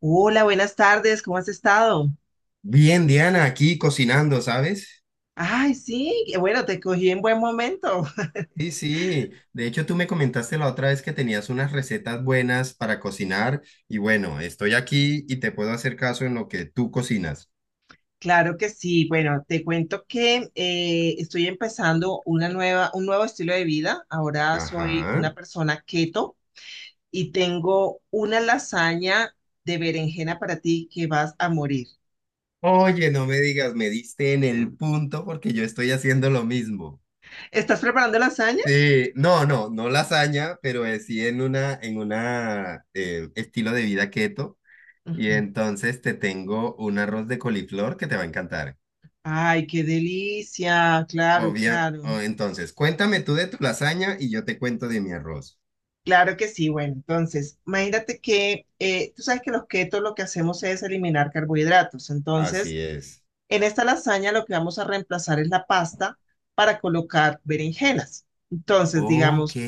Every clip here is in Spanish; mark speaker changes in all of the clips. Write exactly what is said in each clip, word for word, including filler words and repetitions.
Speaker 1: Hola, buenas tardes, ¿cómo has estado?
Speaker 2: Bien, Diana, aquí cocinando, ¿sabes?
Speaker 1: Ay, sí, qué bueno, te cogí en buen momento.
Speaker 2: Sí, sí. De hecho, tú me comentaste la otra vez que tenías unas recetas buenas para cocinar y bueno, estoy aquí y te puedo hacer caso en lo que tú cocinas.
Speaker 1: Claro que sí. Bueno, te cuento que eh, estoy empezando una nueva, un nuevo estilo de vida. Ahora soy
Speaker 2: Ajá.
Speaker 1: una persona keto y tengo una lasaña de berenjena para ti que vas a morir.
Speaker 2: Oye, no me digas, me diste en el punto porque yo estoy haciendo lo mismo.
Speaker 1: ¿Estás preparando lasaña?
Speaker 2: Sí, no, no, no lasaña, pero eh, sí en una, en una eh, estilo de vida keto. Y
Speaker 1: Ujú.
Speaker 2: entonces te tengo un arroz de coliflor que te va a encantar.
Speaker 1: Ay, qué delicia. Claro,
Speaker 2: Obvia-
Speaker 1: claro.
Speaker 2: oh, entonces, cuéntame tú de tu lasaña y yo te cuento de mi arroz.
Speaker 1: Claro que sí, bueno, entonces, imagínate que eh, tú sabes que los keto lo que hacemos es eliminar carbohidratos. Entonces,
Speaker 2: Así es.
Speaker 1: en esta lasaña lo que vamos a reemplazar es la pasta para colocar berenjenas. Entonces,
Speaker 2: Ok.
Speaker 1: digamos,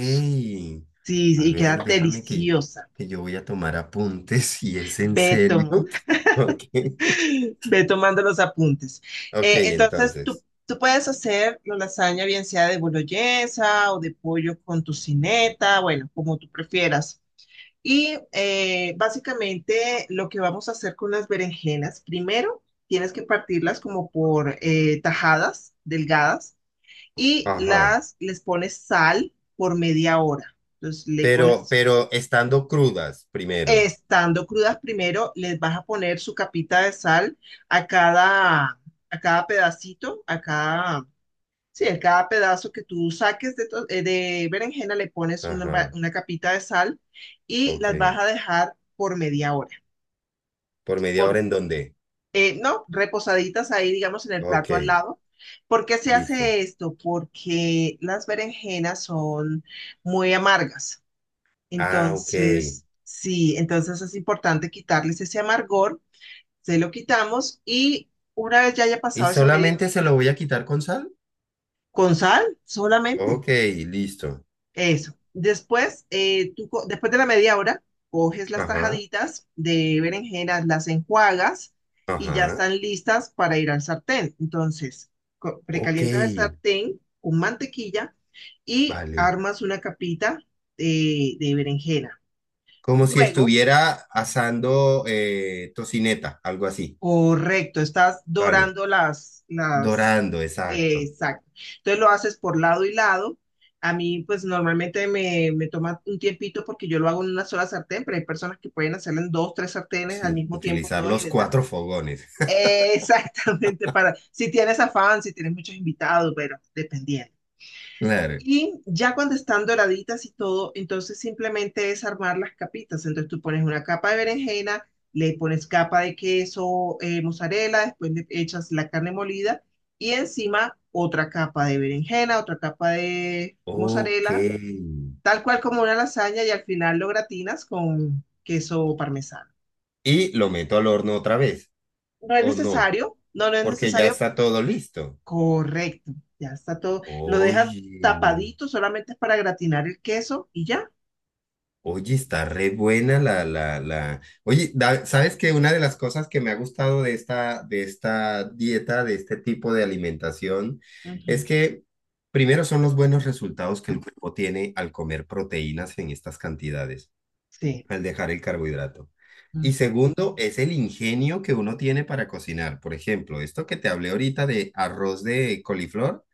Speaker 1: sí,
Speaker 2: A
Speaker 1: sí, y queda
Speaker 2: ver, déjame que,
Speaker 1: deliciosa.
Speaker 2: que yo voy a tomar apuntes si es en
Speaker 1: Ve,
Speaker 2: serio.
Speaker 1: toma-
Speaker 2: Ok.
Speaker 1: ve tomando los apuntes.
Speaker 2: Ok,
Speaker 1: Eh, entonces, tú,
Speaker 2: entonces.
Speaker 1: tú puedes hacer la lasaña bien sea de boloñesa o de pollo con tocineta, bueno, como tú prefieras. Y eh, básicamente lo que vamos a hacer con las berenjenas, primero tienes que partirlas como por eh, tajadas delgadas y
Speaker 2: Ajá.
Speaker 1: las les pones sal por media hora. Entonces le
Speaker 2: Pero,
Speaker 1: pones,
Speaker 2: pero estando crudas primero.
Speaker 1: estando crudas primero, les vas a poner su capita de sal a cada, a cada pedacito, a cada, sí, a cada pedazo que tú saques de, to- eh, de berenjena le pones una, ba-
Speaker 2: Ajá.
Speaker 1: una capita de sal y
Speaker 2: Ok.
Speaker 1: las vas a dejar por media hora.
Speaker 2: ¿Por media hora
Speaker 1: por,
Speaker 2: en dónde?
Speaker 1: eh, ¿No? Reposaditas ahí, digamos, en el
Speaker 2: Ok.
Speaker 1: plato al lado. ¿Por qué se
Speaker 2: Listo.
Speaker 1: hace esto? Porque las berenjenas son muy amargas.
Speaker 2: Ah, ok.
Speaker 1: Entonces, sí, entonces es importante quitarles ese amargor, se lo quitamos y una vez ya haya
Speaker 2: ¿Y
Speaker 1: pasado esa media
Speaker 2: solamente se lo
Speaker 1: horita,
Speaker 2: voy a quitar con sal?
Speaker 1: con sal solamente.
Speaker 2: Ok, listo.
Speaker 1: Eso. Después, eh, tú, co- después de la media hora, coges las
Speaker 2: Ajá.
Speaker 1: tajaditas de berenjenas, las enjuagas y ya
Speaker 2: Ajá.
Speaker 1: están listas para ir al sartén. Entonces, co-
Speaker 2: Ok,
Speaker 1: precalientas el sartén con mantequilla y
Speaker 2: vale.
Speaker 1: armas una capita eh, de berenjena.
Speaker 2: Como si
Speaker 1: Luego,
Speaker 2: estuviera asando eh, tocineta, algo así.
Speaker 1: correcto, estás
Speaker 2: Vale.
Speaker 1: dorando las, las,
Speaker 2: Dorando,
Speaker 1: eh,
Speaker 2: exacto.
Speaker 1: exacto. Entonces lo haces por lado y lado. A mí, pues normalmente me, me toma un tiempito porque yo lo hago en una sola sartén, pero hay personas que pueden hacerlo en dos, tres sartenes al
Speaker 2: Sí,
Speaker 1: mismo tiempo
Speaker 2: utilizar
Speaker 1: todas y
Speaker 2: los
Speaker 1: les dan.
Speaker 2: cuatro fogones.
Speaker 1: Eh, exactamente, para si tienes afán, si tienes muchos invitados, pero dependiendo.
Speaker 2: Claro.
Speaker 1: Y ya cuando están doraditas y todo, entonces simplemente es armar las capitas. Entonces tú pones una capa de berenjena, le pones capa de queso, eh, mozzarella, después le echas la carne molida y encima otra capa de berenjena, otra capa de
Speaker 2: Ok.
Speaker 1: mozzarella, tal cual como una lasaña y al final lo gratinas con queso parmesano.
Speaker 2: Y lo meto al horno otra vez,
Speaker 1: No es
Speaker 2: ¿o no?
Speaker 1: necesario, no, no es
Speaker 2: Porque ya
Speaker 1: necesario,
Speaker 2: está todo listo.
Speaker 1: correcto, ya está todo. Lo dejas
Speaker 2: Oye.
Speaker 1: tapadito, solamente es para gratinar el queso y ya.
Speaker 2: Oye, está re buena la, la, la. Oye, da- ¿sabes que una de las cosas que me ha gustado de esta, de esta dieta, de este tipo de alimentación, es
Speaker 1: Ujú.
Speaker 2: que primero son los buenos resultados que el cuerpo tiene al comer proteínas en estas cantidades,
Speaker 1: Sí.
Speaker 2: al dejar el carbohidrato? Y
Speaker 1: Ujú,
Speaker 2: segundo, es el ingenio que uno tiene para cocinar. Por ejemplo, esto que te hablé ahorita de arroz de coliflor,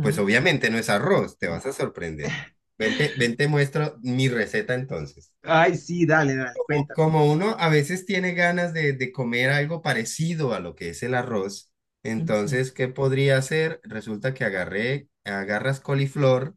Speaker 2: pues obviamente no es arroz, te vas a sorprender. Vente, ven, te muestro mi receta entonces.
Speaker 1: Ay, sí, dale, dale, cuéntame.
Speaker 2: Como uno a veces tiene ganas de, de comer algo parecido a lo que es el arroz,
Speaker 1: Ujú,
Speaker 2: entonces, ¿qué podría hacer? Resulta que agarré, agarras coliflor,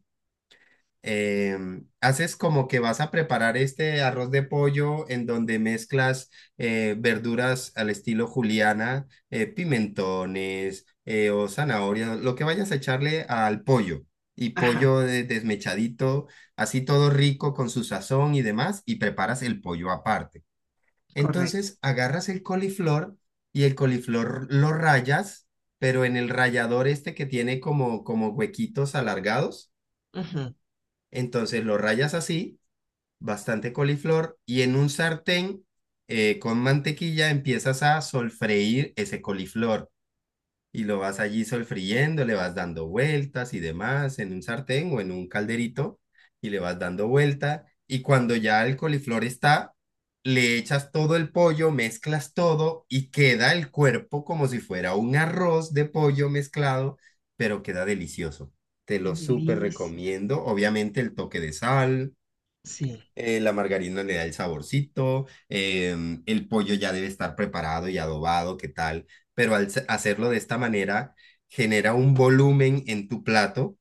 Speaker 2: em, haces como que vas a preparar este arroz de pollo en donde mezclas eh, verduras al estilo juliana, eh, pimentones eh, o zanahorias, lo que vayas a echarle al pollo. Y
Speaker 1: ajá,
Speaker 2: pollo de- desmechadito, así todo rico con su sazón y demás, y preparas el pollo aparte.
Speaker 1: correcto.
Speaker 2: Entonces agarras el coliflor y el coliflor lo rayas, pero en el rallador este que tiene como, como huequitos alargados.
Speaker 1: Ujú.
Speaker 2: Entonces lo rayas así, bastante coliflor, y en un sartén eh, con mantequilla empiezas a solfreír ese coliflor y lo vas allí solfriendo, le vas dando vueltas y demás en un sartén o en un calderito y le vas dando vuelta y cuando ya el coliflor está, le echas todo el pollo, mezclas todo y queda el cuerpo como si fuera un arroz de pollo mezclado, pero queda delicioso. Te
Speaker 1: Qué
Speaker 2: lo súper
Speaker 1: delicia.
Speaker 2: recomiendo. Obviamente el toque de sal,
Speaker 1: Sí.
Speaker 2: eh, la margarina le da el saborcito. Em, el pollo ya debe estar preparado y adobado, ¿qué tal? Pero al se- hacerlo de esta manera, genera un volumen en tu plato,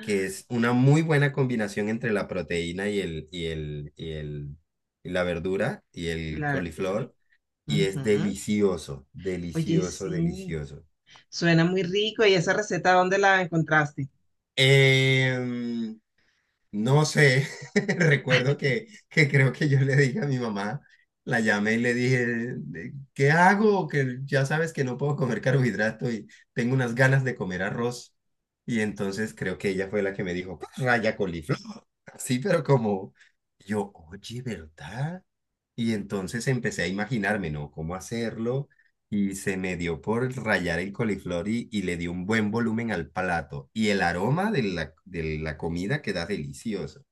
Speaker 2: que es una muy buena combinación entre la proteína y el, y el, y el, y la verdura y
Speaker 1: y
Speaker 2: el
Speaker 1: la verdura.
Speaker 2: coliflor, y es
Speaker 1: Ujú.
Speaker 2: delicioso,
Speaker 1: Oye,
Speaker 2: delicioso,
Speaker 1: sí.
Speaker 2: delicioso.
Speaker 1: Suena muy rico. ¿Y esa receta dónde la encontraste?
Speaker 2: Em, No sé, recuerdo que, que creo que yo le dije a mi mamá, la llamé y le dije, "Eh, ¿qué hago? Que ya sabes que no puedo comer carbohidrato y tengo unas ganas de comer arroz". Y entonces creo que ella fue la que me dijo, "Pues, raya". Sí, pero como yo, oye, ¿verdad? Y entonces empecé a imaginarme, ¿no?, cómo hacerlo y se me dio por rayar el coliflor y, y le di un buen volumen al plato. Y el aroma de la, de la comida queda delicioso.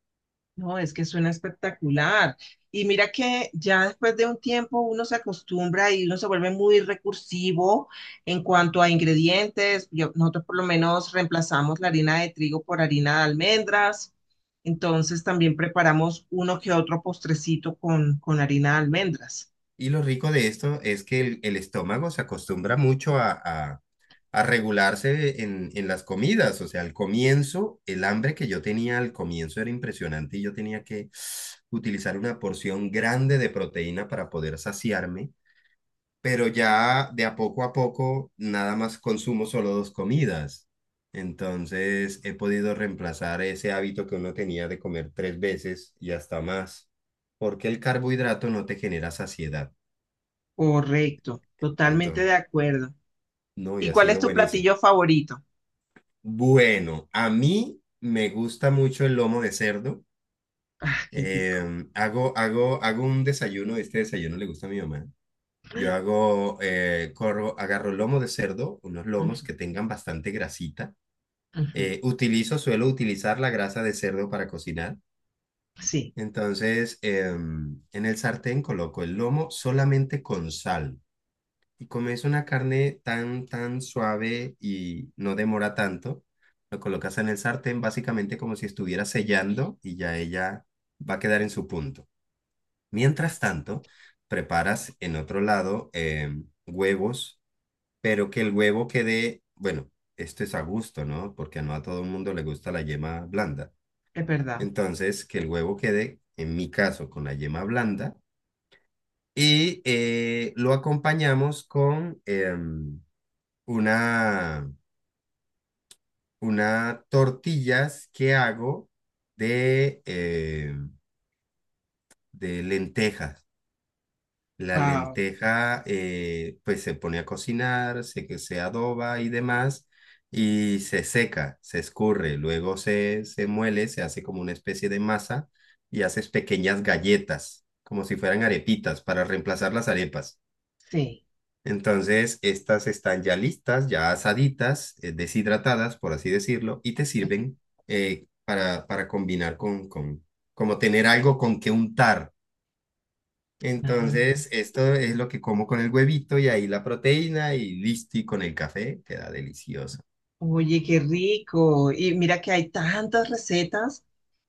Speaker 1: No, es que suena espectacular. Y mira que ya después de un tiempo uno se acostumbra y uno se vuelve muy recursivo en cuanto a ingredientes. Yo- nosotros por lo menos reemplazamos la harina de trigo por harina de almendras. Entonces también preparamos uno que otro postrecito con, con harina de almendras.
Speaker 2: Y lo rico de esto es que el, el estómago se acostumbra mucho a, a, a regularse en, en las comidas. O sea, al comienzo, el hambre que yo tenía al comienzo era impresionante y yo tenía que utilizar una porción grande de proteína para poder saciarme, pero ya de a poco a poco nada más consumo solo dos comidas. Entonces he podido reemplazar ese hábito que uno tenía de comer tres veces y hasta más, porque el carbohidrato no te genera saciedad.
Speaker 1: Correcto, totalmente
Speaker 2: Entonces,
Speaker 1: de acuerdo.
Speaker 2: no, y
Speaker 1: ¿Y
Speaker 2: ha
Speaker 1: cuál es
Speaker 2: sido
Speaker 1: tu
Speaker 2: buenísimo.
Speaker 1: platillo favorito?
Speaker 2: Bueno, a mí me gusta mucho el lomo de cerdo.
Speaker 1: Ah, qué rico.
Speaker 2: Em, hago, hago, hago un desayuno, este desayuno le gusta a mi mamá. Yo hago, eh, corro, agarro lomo de cerdo, unos lomos
Speaker 1: Ujú,
Speaker 2: que tengan bastante grasita.
Speaker 1: ujú.
Speaker 2: Eh, utilizo, suelo utilizar la grasa de cerdo para cocinar.
Speaker 1: Sí,
Speaker 2: Entonces, em, en el sartén coloco el lomo solamente con sal, y comes una carne tan, tan suave y no demora tanto, lo colocas en el sartén básicamente como si estuviera sellando y ya ella va a quedar en su punto. Mientras tanto, preparas en otro lado eh, huevos, pero que el huevo quede, bueno, esto es a gusto, ¿no? Porque no a todo el mundo le gusta la yema blanda.
Speaker 1: es verdad.
Speaker 2: Entonces, que el huevo quede, en mi caso, con la yema blanda y eh, lo acompañamos con... em, una, una tortillas que hago de, eh, de lentejas. La
Speaker 1: Wow,
Speaker 2: lenteja eh, pues se pone a cocinar, se, que se adoba y demás, y se seca, se escurre, luego se, se muele, se hace como una especie de masa y haces pequeñas galletas, como si fueran arepitas, para reemplazar las arepas.
Speaker 1: sí.
Speaker 2: Entonces, estas están ya listas, ya asaditas, eh, deshidratadas, por así decirlo, y te sirven eh, para, para combinar con, con, como tener algo con que untar.
Speaker 1: Ah.
Speaker 2: Entonces, esto es lo que como con el huevito y ahí la proteína y listo, y con el café queda delicioso.
Speaker 1: Oye, qué rico. Y mira que hay tantas recetas.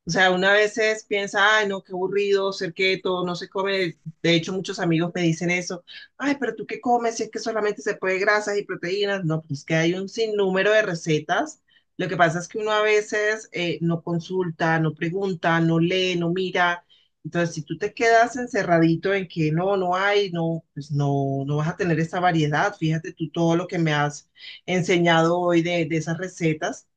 Speaker 1: O sea, una veces piensa, ay, no, qué aburrido ser keto, no se come. De hecho, muchos amigos me dicen eso. Ay, pero tú qué comes si es que solamente se puede grasas y proteínas. No, pues que hay un sinnúmero de recetas. Lo que pasa es que uno a veces eh, no consulta, no pregunta, no lee, no mira. Entonces, si tú te quedas encerradito en que no, no hay, no, pues no, no vas a tener esa variedad. Fíjate tú todo lo que me has enseñado hoy de, de esas recetas.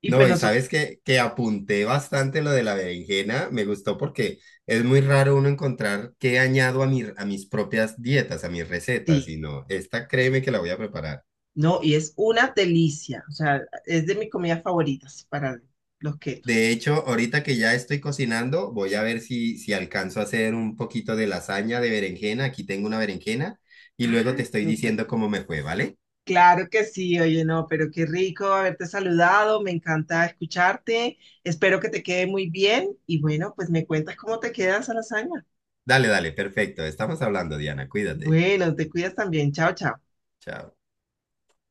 Speaker 1: Y pues
Speaker 2: No, y
Speaker 1: nosotros,
Speaker 2: sabes que, que apunté bastante lo de la berenjena, me gustó porque es muy raro uno encontrar qué añado a, mi, a mis propias dietas, a mis recetas,
Speaker 1: sí,
Speaker 2: y no, esta créeme que la voy a preparar.
Speaker 1: no, y es una delicia. O sea, es de mis comidas favoritas para los
Speaker 2: De
Speaker 1: ketos.
Speaker 2: hecho, ahorita que ya estoy cocinando, voy a ver si, si alcanzo a hacer un poquito de lasaña de berenjena. Aquí tengo una berenjena y luego te
Speaker 1: Ay,
Speaker 2: estoy
Speaker 1: súper.
Speaker 2: diciendo cómo me fue, ¿vale?
Speaker 1: Claro que sí, oye, no, pero qué rico haberte saludado, me encanta escucharte, espero que te quede muy bien y bueno, pues me cuentas cómo te queda esa lasaña.
Speaker 2: Dale, dale, perfecto. Estamos hablando, Diana. Cuídate.
Speaker 1: Bueno, te cuidas también, chao, chao.
Speaker 2: Chao.